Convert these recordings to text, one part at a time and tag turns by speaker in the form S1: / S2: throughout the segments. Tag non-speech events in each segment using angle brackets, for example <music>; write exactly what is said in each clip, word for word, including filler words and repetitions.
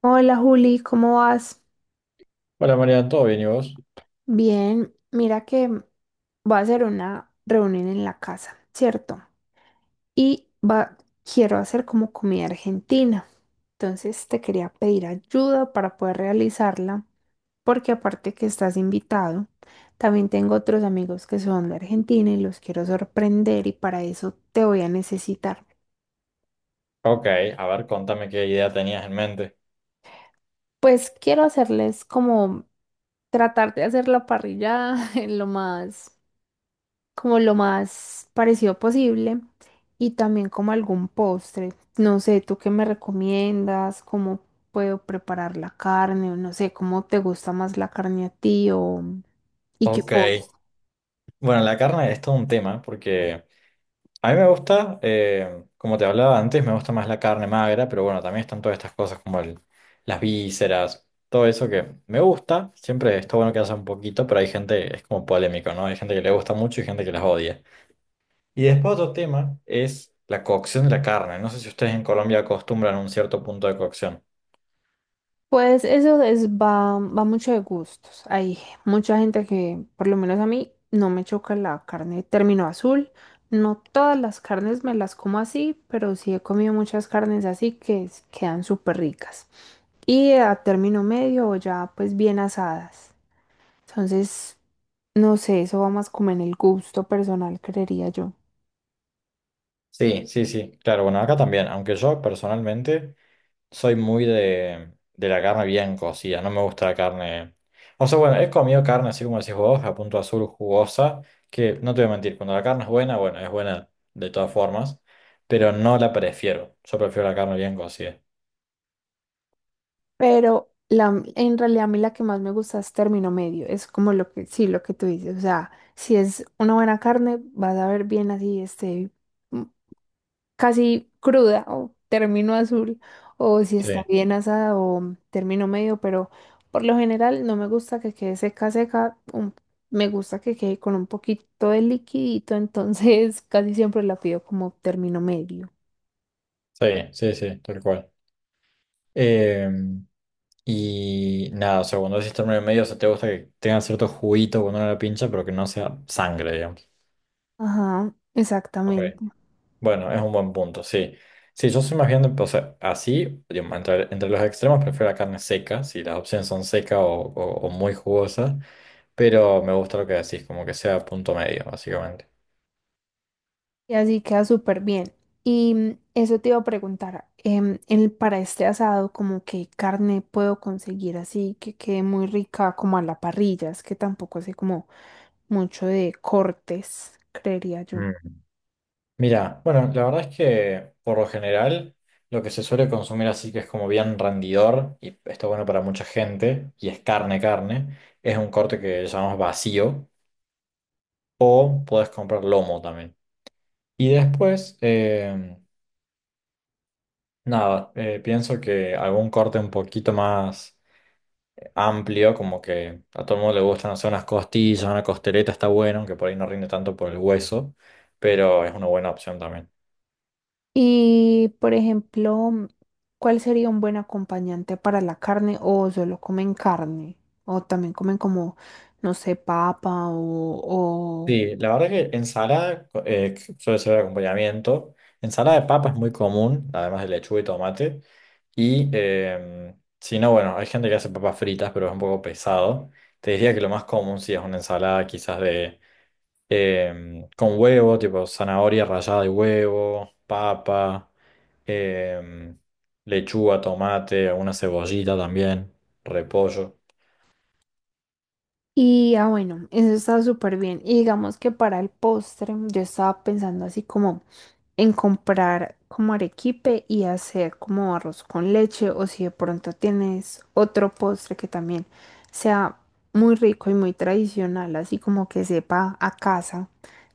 S1: Hola Juli, ¿cómo vas?
S2: Hola María, ¿todo bien y vos?
S1: Bien, mira que voy a hacer una reunión en la casa, ¿cierto? Y va, quiero hacer como comida argentina. Entonces te quería pedir ayuda para poder realizarla, porque aparte que estás invitado, también tengo otros amigos que son de Argentina y los quiero sorprender y para eso te voy a necesitar.
S2: Ok, a ver, contame qué idea tenías en mente.
S1: Pues quiero hacerles como tratar de hacer la parrilla <laughs> en lo más como lo más parecido posible y también como algún postre. No sé, ¿tú qué me recomiendas? ¿Cómo puedo preparar la carne? O no sé, ¿cómo te gusta más la carne a ti? O ¿y qué
S2: Ok,
S1: postre?
S2: bueno, la carne es todo un tema porque a mí me gusta, eh, como te hablaba antes, me gusta más la carne magra, pero bueno, también están todas estas cosas como el- las vísceras, todo eso que me gusta, siempre está bueno que haya un poquito, pero hay gente, es como polémico, ¿no? Hay gente que le gusta mucho y gente que las odia. Y después otro tema es la cocción de la carne. No sé si ustedes en Colombia acostumbran un cierto punto de cocción.
S1: Pues eso es, va, va mucho de gustos. Hay mucha gente que, por lo menos a mí, no me choca la carne de término azul. No todas las carnes me las como así, pero sí he comido muchas carnes así que s- quedan súper ricas. Y a término medio o ya pues bien asadas. Entonces, no sé, eso va más como en el gusto personal, creería yo.
S2: Sí, sí, sí, claro, bueno, acá también, aunque yo personalmente soy muy de, de la carne bien cocida, no me gusta la carne, o sea, bueno, he comido carne así como decís vos, a punto azul jugosa, que no te voy a mentir, cuando la carne es buena, bueno, es buena de todas formas, pero no la prefiero, yo prefiero la carne bien cocida,
S1: Pero la, en realidad a mí la que más me gusta es término medio, es como lo que, sí, lo que tú dices, o sea, si es una buena carne, vas a ver bien así, este, casi cruda o término azul o si
S2: sí,
S1: está bien asada o término medio, pero por lo general no me gusta que quede seca seca, un- me gusta que quede con un poquito de liquidito, entonces <laughs> casi siempre la pido como término medio.
S2: sí, sí, sí, tal cual. Em, y nada, o sea, cuando decís término medio, o sea, te gusta que tenga cierto juguito cuando uno la pincha, pero que no sea sangre, digamos.
S1: Ajá,
S2: Ok.
S1: exactamente.
S2: Bueno, es un buen punto, sí. Sí, yo soy más bien, de- o sea, así, digamos, entre, entre los extremos prefiero la carne seca, si las opciones son seca o, o- o muy jugosa, pero me gusta lo que decís, como que sea punto medio, básicamente.
S1: Y así queda súper bien. Y mm, eso te iba a preguntar, em, el- para este asado, como qué carne puedo conseguir así que quede muy rica como a la parrilla, es que tampoco sé como mucho de cortes, creería yo.
S2: Mm. Mira, bueno, la verdad es que por lo general lo que se suele consumir así que es como bien rendidor y está bueno para mucha gente y es carne, carne, es un corte que llamamos vacío o puedes comprar lomo también. Y después, eh, nada, eh, pienso que algún corte un poquito más amplio, como que a todo el mundo le gustan hacer unas costillas, una costeleta está bueno, aunque por ahí no rinde tanto por el hueso, pero es una buena opción también.
S1: Y, por ejemplo, mm, ¿cuál sería un buen acompañante para la carne o solo comen carne? O también comen como, no sé, papa o...
S2: Sí, la verdad que ensalada eh, suele ser de acompañamiento. Ensalada de papa es muy común, además de lechuga y tomate. Y em, si no, bueno, hay gente que hace papas fritas, pero es un poco pesado. Te diría que lo más común sí es una ensalada quizás de em, con huevo, tipo zanahoria rallada de huevo, papa, em, lechuga, tomate, alguna cebollita también, repollo.
S1: Y ah, bueno, eso está súper bien. Y digamos que para el postre, yo estaba pensando así como en comprar como arequipe y hacer como arroz con leche, o si de pronto tienes otro postre que también sea muy rico y muy tradicional, así como que sepa a casa,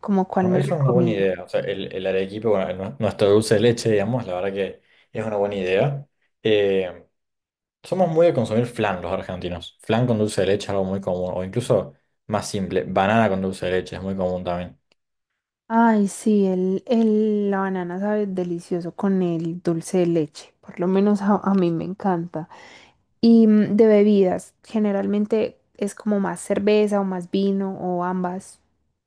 S1: como cuál
S2: No,
S1: me
S2: eso es una buena
S1: recomienda.
S2: idea. O sea, el, el arequipe, bueno, el nue- nuestro dulce de leche, digamos, la verdad que es una buena idea. Em, Somos muy de consumir flan los argentinos. Flan con dulce de leche es algo muy común, o incluso más simple, banana con dulce de leche es muy común también.
S1: Ay, sí, el, el- la banana sabe delicioso con el dulce de leche, por lo menos a a mí me encanta. Y mm, de bebidas, generalmente es como más cerveza o más vino o ambas.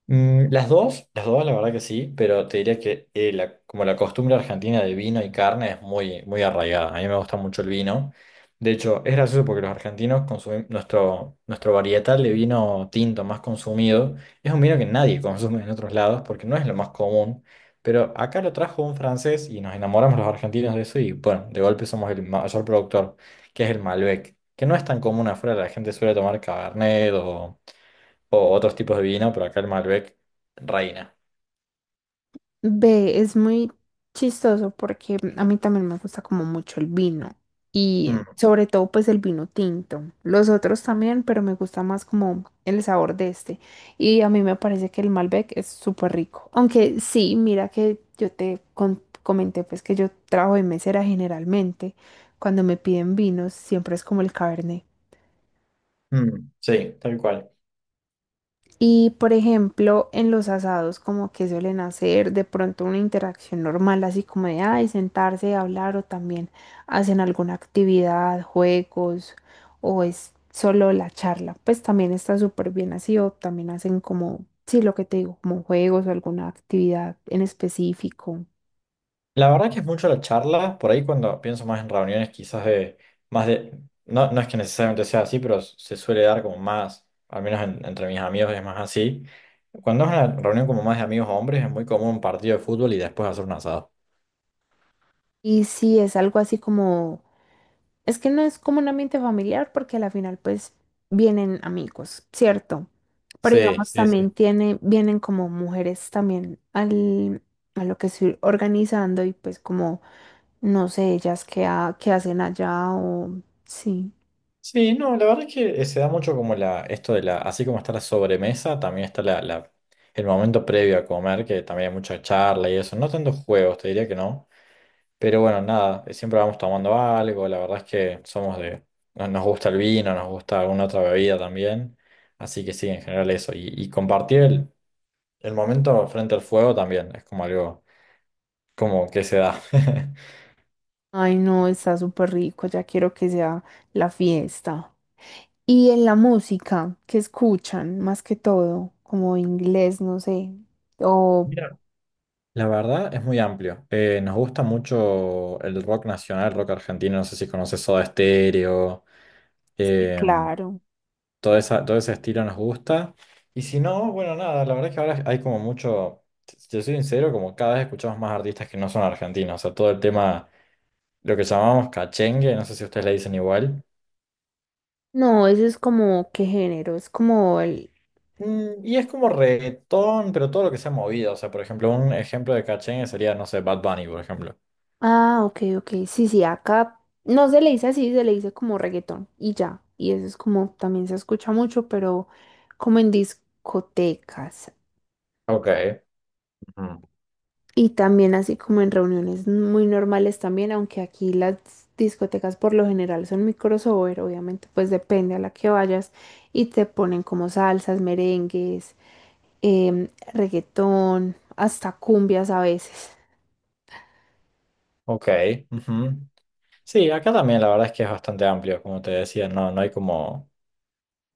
S2: Mm, las dos, las dos, la verdad que sí, pero te diría que eh, la- como la costumbre argentina de vino y carne es muy, muy arraigada. A mí me gusta mucho el vino. De hecho, es gracioso porque los argentinos consumimos nuestro, nuestro varietal de vino tinto más consumido. Es un vino que nadie <laughs> consume en otros lados porque no es lo más común. Pero acá lo trajo un francés y nos enamoramos los argentinos de eso y bueno, de golpe somos el mayor productor, que es el Malbec, que no es tan común afuera, la gente suele tomar Cabernet o o otros tipos de vino, pero acá el Malbec reina.
S1: Ve, es muy chistoso porque mm, a mí también me gusta como mucho el vino y
S2: Mm,
S1: sobre todo pues el vino tinto. Los otros también, pero me gusta más como el sabor de este. Y a mí me parece que el Malbec es súper rico. Aunque sí, mira que yo te con- comenté pues que yo trabajo de mesera generalmente. Cuando me piden vinos siempre es como el Cabernet.
S2: mm, sí, tal cual.
S1: Y por ejemplo, en los asados, como que suelen hacer de pronto una interacción normal, así como de, ay, sentarse, a hablar, o también hacen alguna actividad, juegos, o es solo la charla. Pues también está súper bien así, o también hacen como, sí, lo que te digo, como juegos o alguna actividad en específico.
S2: La verdad que es mucho la charla, por ahí cuando pienso más en reuniones quizás de más de, no, no es que necesariamente sea así, pero se suele dar como más, al menos en- entre mis amigos es más así. Cuando es una reunión como más de amigos hombres es muy común un partido de fútbol y después hacer un asado.
S1: Y si es algo así como... Es que no es como un ambiente familiar porque a la final pues vienen amigos, ¿cierto? Pero
S2: Sí,
S1: digamos
S2: sí,
S1: también
S2: sí.
S1: tiene, vienen como mujeres también al, a lo que estoy organizando y pues como no sé ellas qué, ha- qué hacen allá o sí.
S2: Sí, no, la verdad es que eh, se da mucho como la, esto de la, así como está la sobremesa, también está la, la- el momento previo a comer, que también hay mucha charla y eso, no tantos juegos, te diría que no, pero bueno, nada, eh, siempre vamos tomando algo, la verdad es que somos de, no- nos gusta el vino, nos gusta alguna otra bebida también, así que sí, en general eso, y, y compartir el, el momento frente al fuego también, es como algo, como que se da. <laughs>
S1: Ay no, está súper rico, ya quiero que sea la fiesta. Y en la música que escuchan más que todo, como inglés, no sé. O
S2: Mira, la verdad es muy amplio. Eh, nos gusta mucho el rock nacional, el rock argentino. No sé si conoces Soda Stereo.
S1: sí,
S2: em,
S1: claro.
S2: todo esa- todo ese estilo nos gusta. Y si no, bueno, nada, la verdad es que ahora hay como mucho. Si te soy sincero, como cada vez escuchamos más artistas que no son argentinos. O sea, todo el tema, lo que llamamos cachengue, no sé si ustedes le dicen igual.
S1: No, ese es como, ¿qué género? Es como el...
S2: Mm, y es como reggaetón, pero todo lo que se ha movido. O sea, por ejemplo, un ejemplo de cachengue sería, no sé, Bad Bunny, por ejemplo.
S1: Ah, ok, ok. Sí, sí, acá no se le dice así, se le dice como reggaetón y ya. Y eso es como, también se escucha mucho, pero como en discotecas
S2: Ok, ujú.
S1: y también así como en reuniones muy normales también, aunque aquí las discotecas por lo general son microsober, obviamente pues depende a la que vayas y te ponen como salsas, merengues, em, reggaetón, hasta cumbias a veces.
S2: Ok, ujú. Sí, acá también la verdad es que es bastante amplio, como te decía, no, no hay como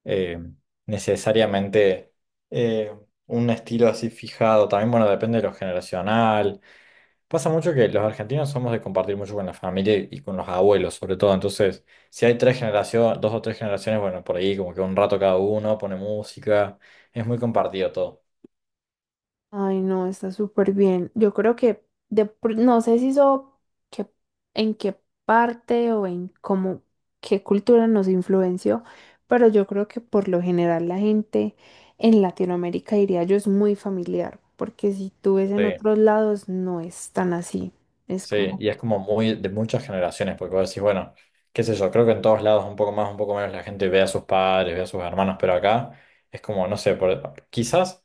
S2: eh, necesariamente eh, un estilo así fijado. También, bueno, depende de lo generacional. Pasa mucho que los argentinos somos de compartir mucho con la familia y con los abuelos, sobre todo. Entonces, si hay tres generaciones, dos o tres generaciones, bueno, por ahí como que un rato cada uno pone música, es muy compartido todo.
S1: Ay, no, está súper bien. Yo creo que de pr- no sé si eso, que en qué parte o en cómo qué cultura nos influenció, pero yo creo que por lo general la gente en Latinoamérica diría yo es muy familiar, porque si tú ves en
S2: Sí.
S1: otros lados no es tan así. Es
S2: Sí,
S1: como...
S2: y es como muy de muchas generaciones, porque vos decís, bueno, qué sé yo, creo que en todos lados un poco más, un poco menos la gente ve a sus padres, ve a sus hermanos, pero acá es como, no sé, por- quizás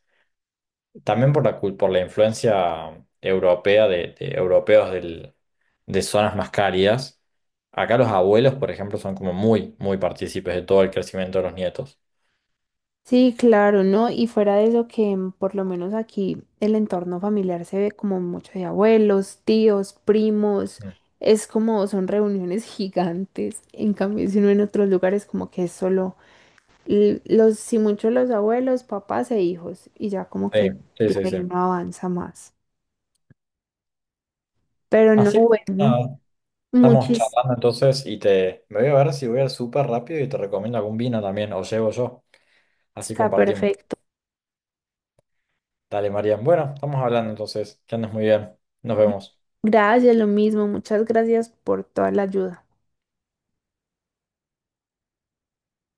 S2: también por la, cul- por la influencia europea de, de europeos del- de zonas más cálidas. Acá los abuelos, por ejemplo, son como muy, muy partícipes de todo el crecimiento de los nietos.
S1: Sí, claro, ¿no? Y fuera de eso que mm, por lo menos aquí el entorno familiar se ve como mucho de abuelos, tíos, primos,
S2: Mm.
S1: es como son reuniones <laughs> gigantes. En cambio, si uno en otros lugares como que es solo l- los, si mucho los abuelos, papás e hijos, y ya como
S2: Sí,
S1: que
S2: sí,
S1: de
S2: sí, sí.
S1: ahí no avanza más. Pero no,
S2: Así que
S1: bueno,
S2: nada, estamos
S1: muchis,
S2: charlando entonces y te me voy a ver si voy al súper rápido y te recomiendo algún vino también, o llevo yo. Así
S1: está
S2: compartimos.
S1: perfecto.
S2: Dale, Marian. Bueno, estamos hablando entonces. Que andes muy bien. Nos vemos.
S1: Gracias, lo mismo, muchas gracias por toda la ayuda.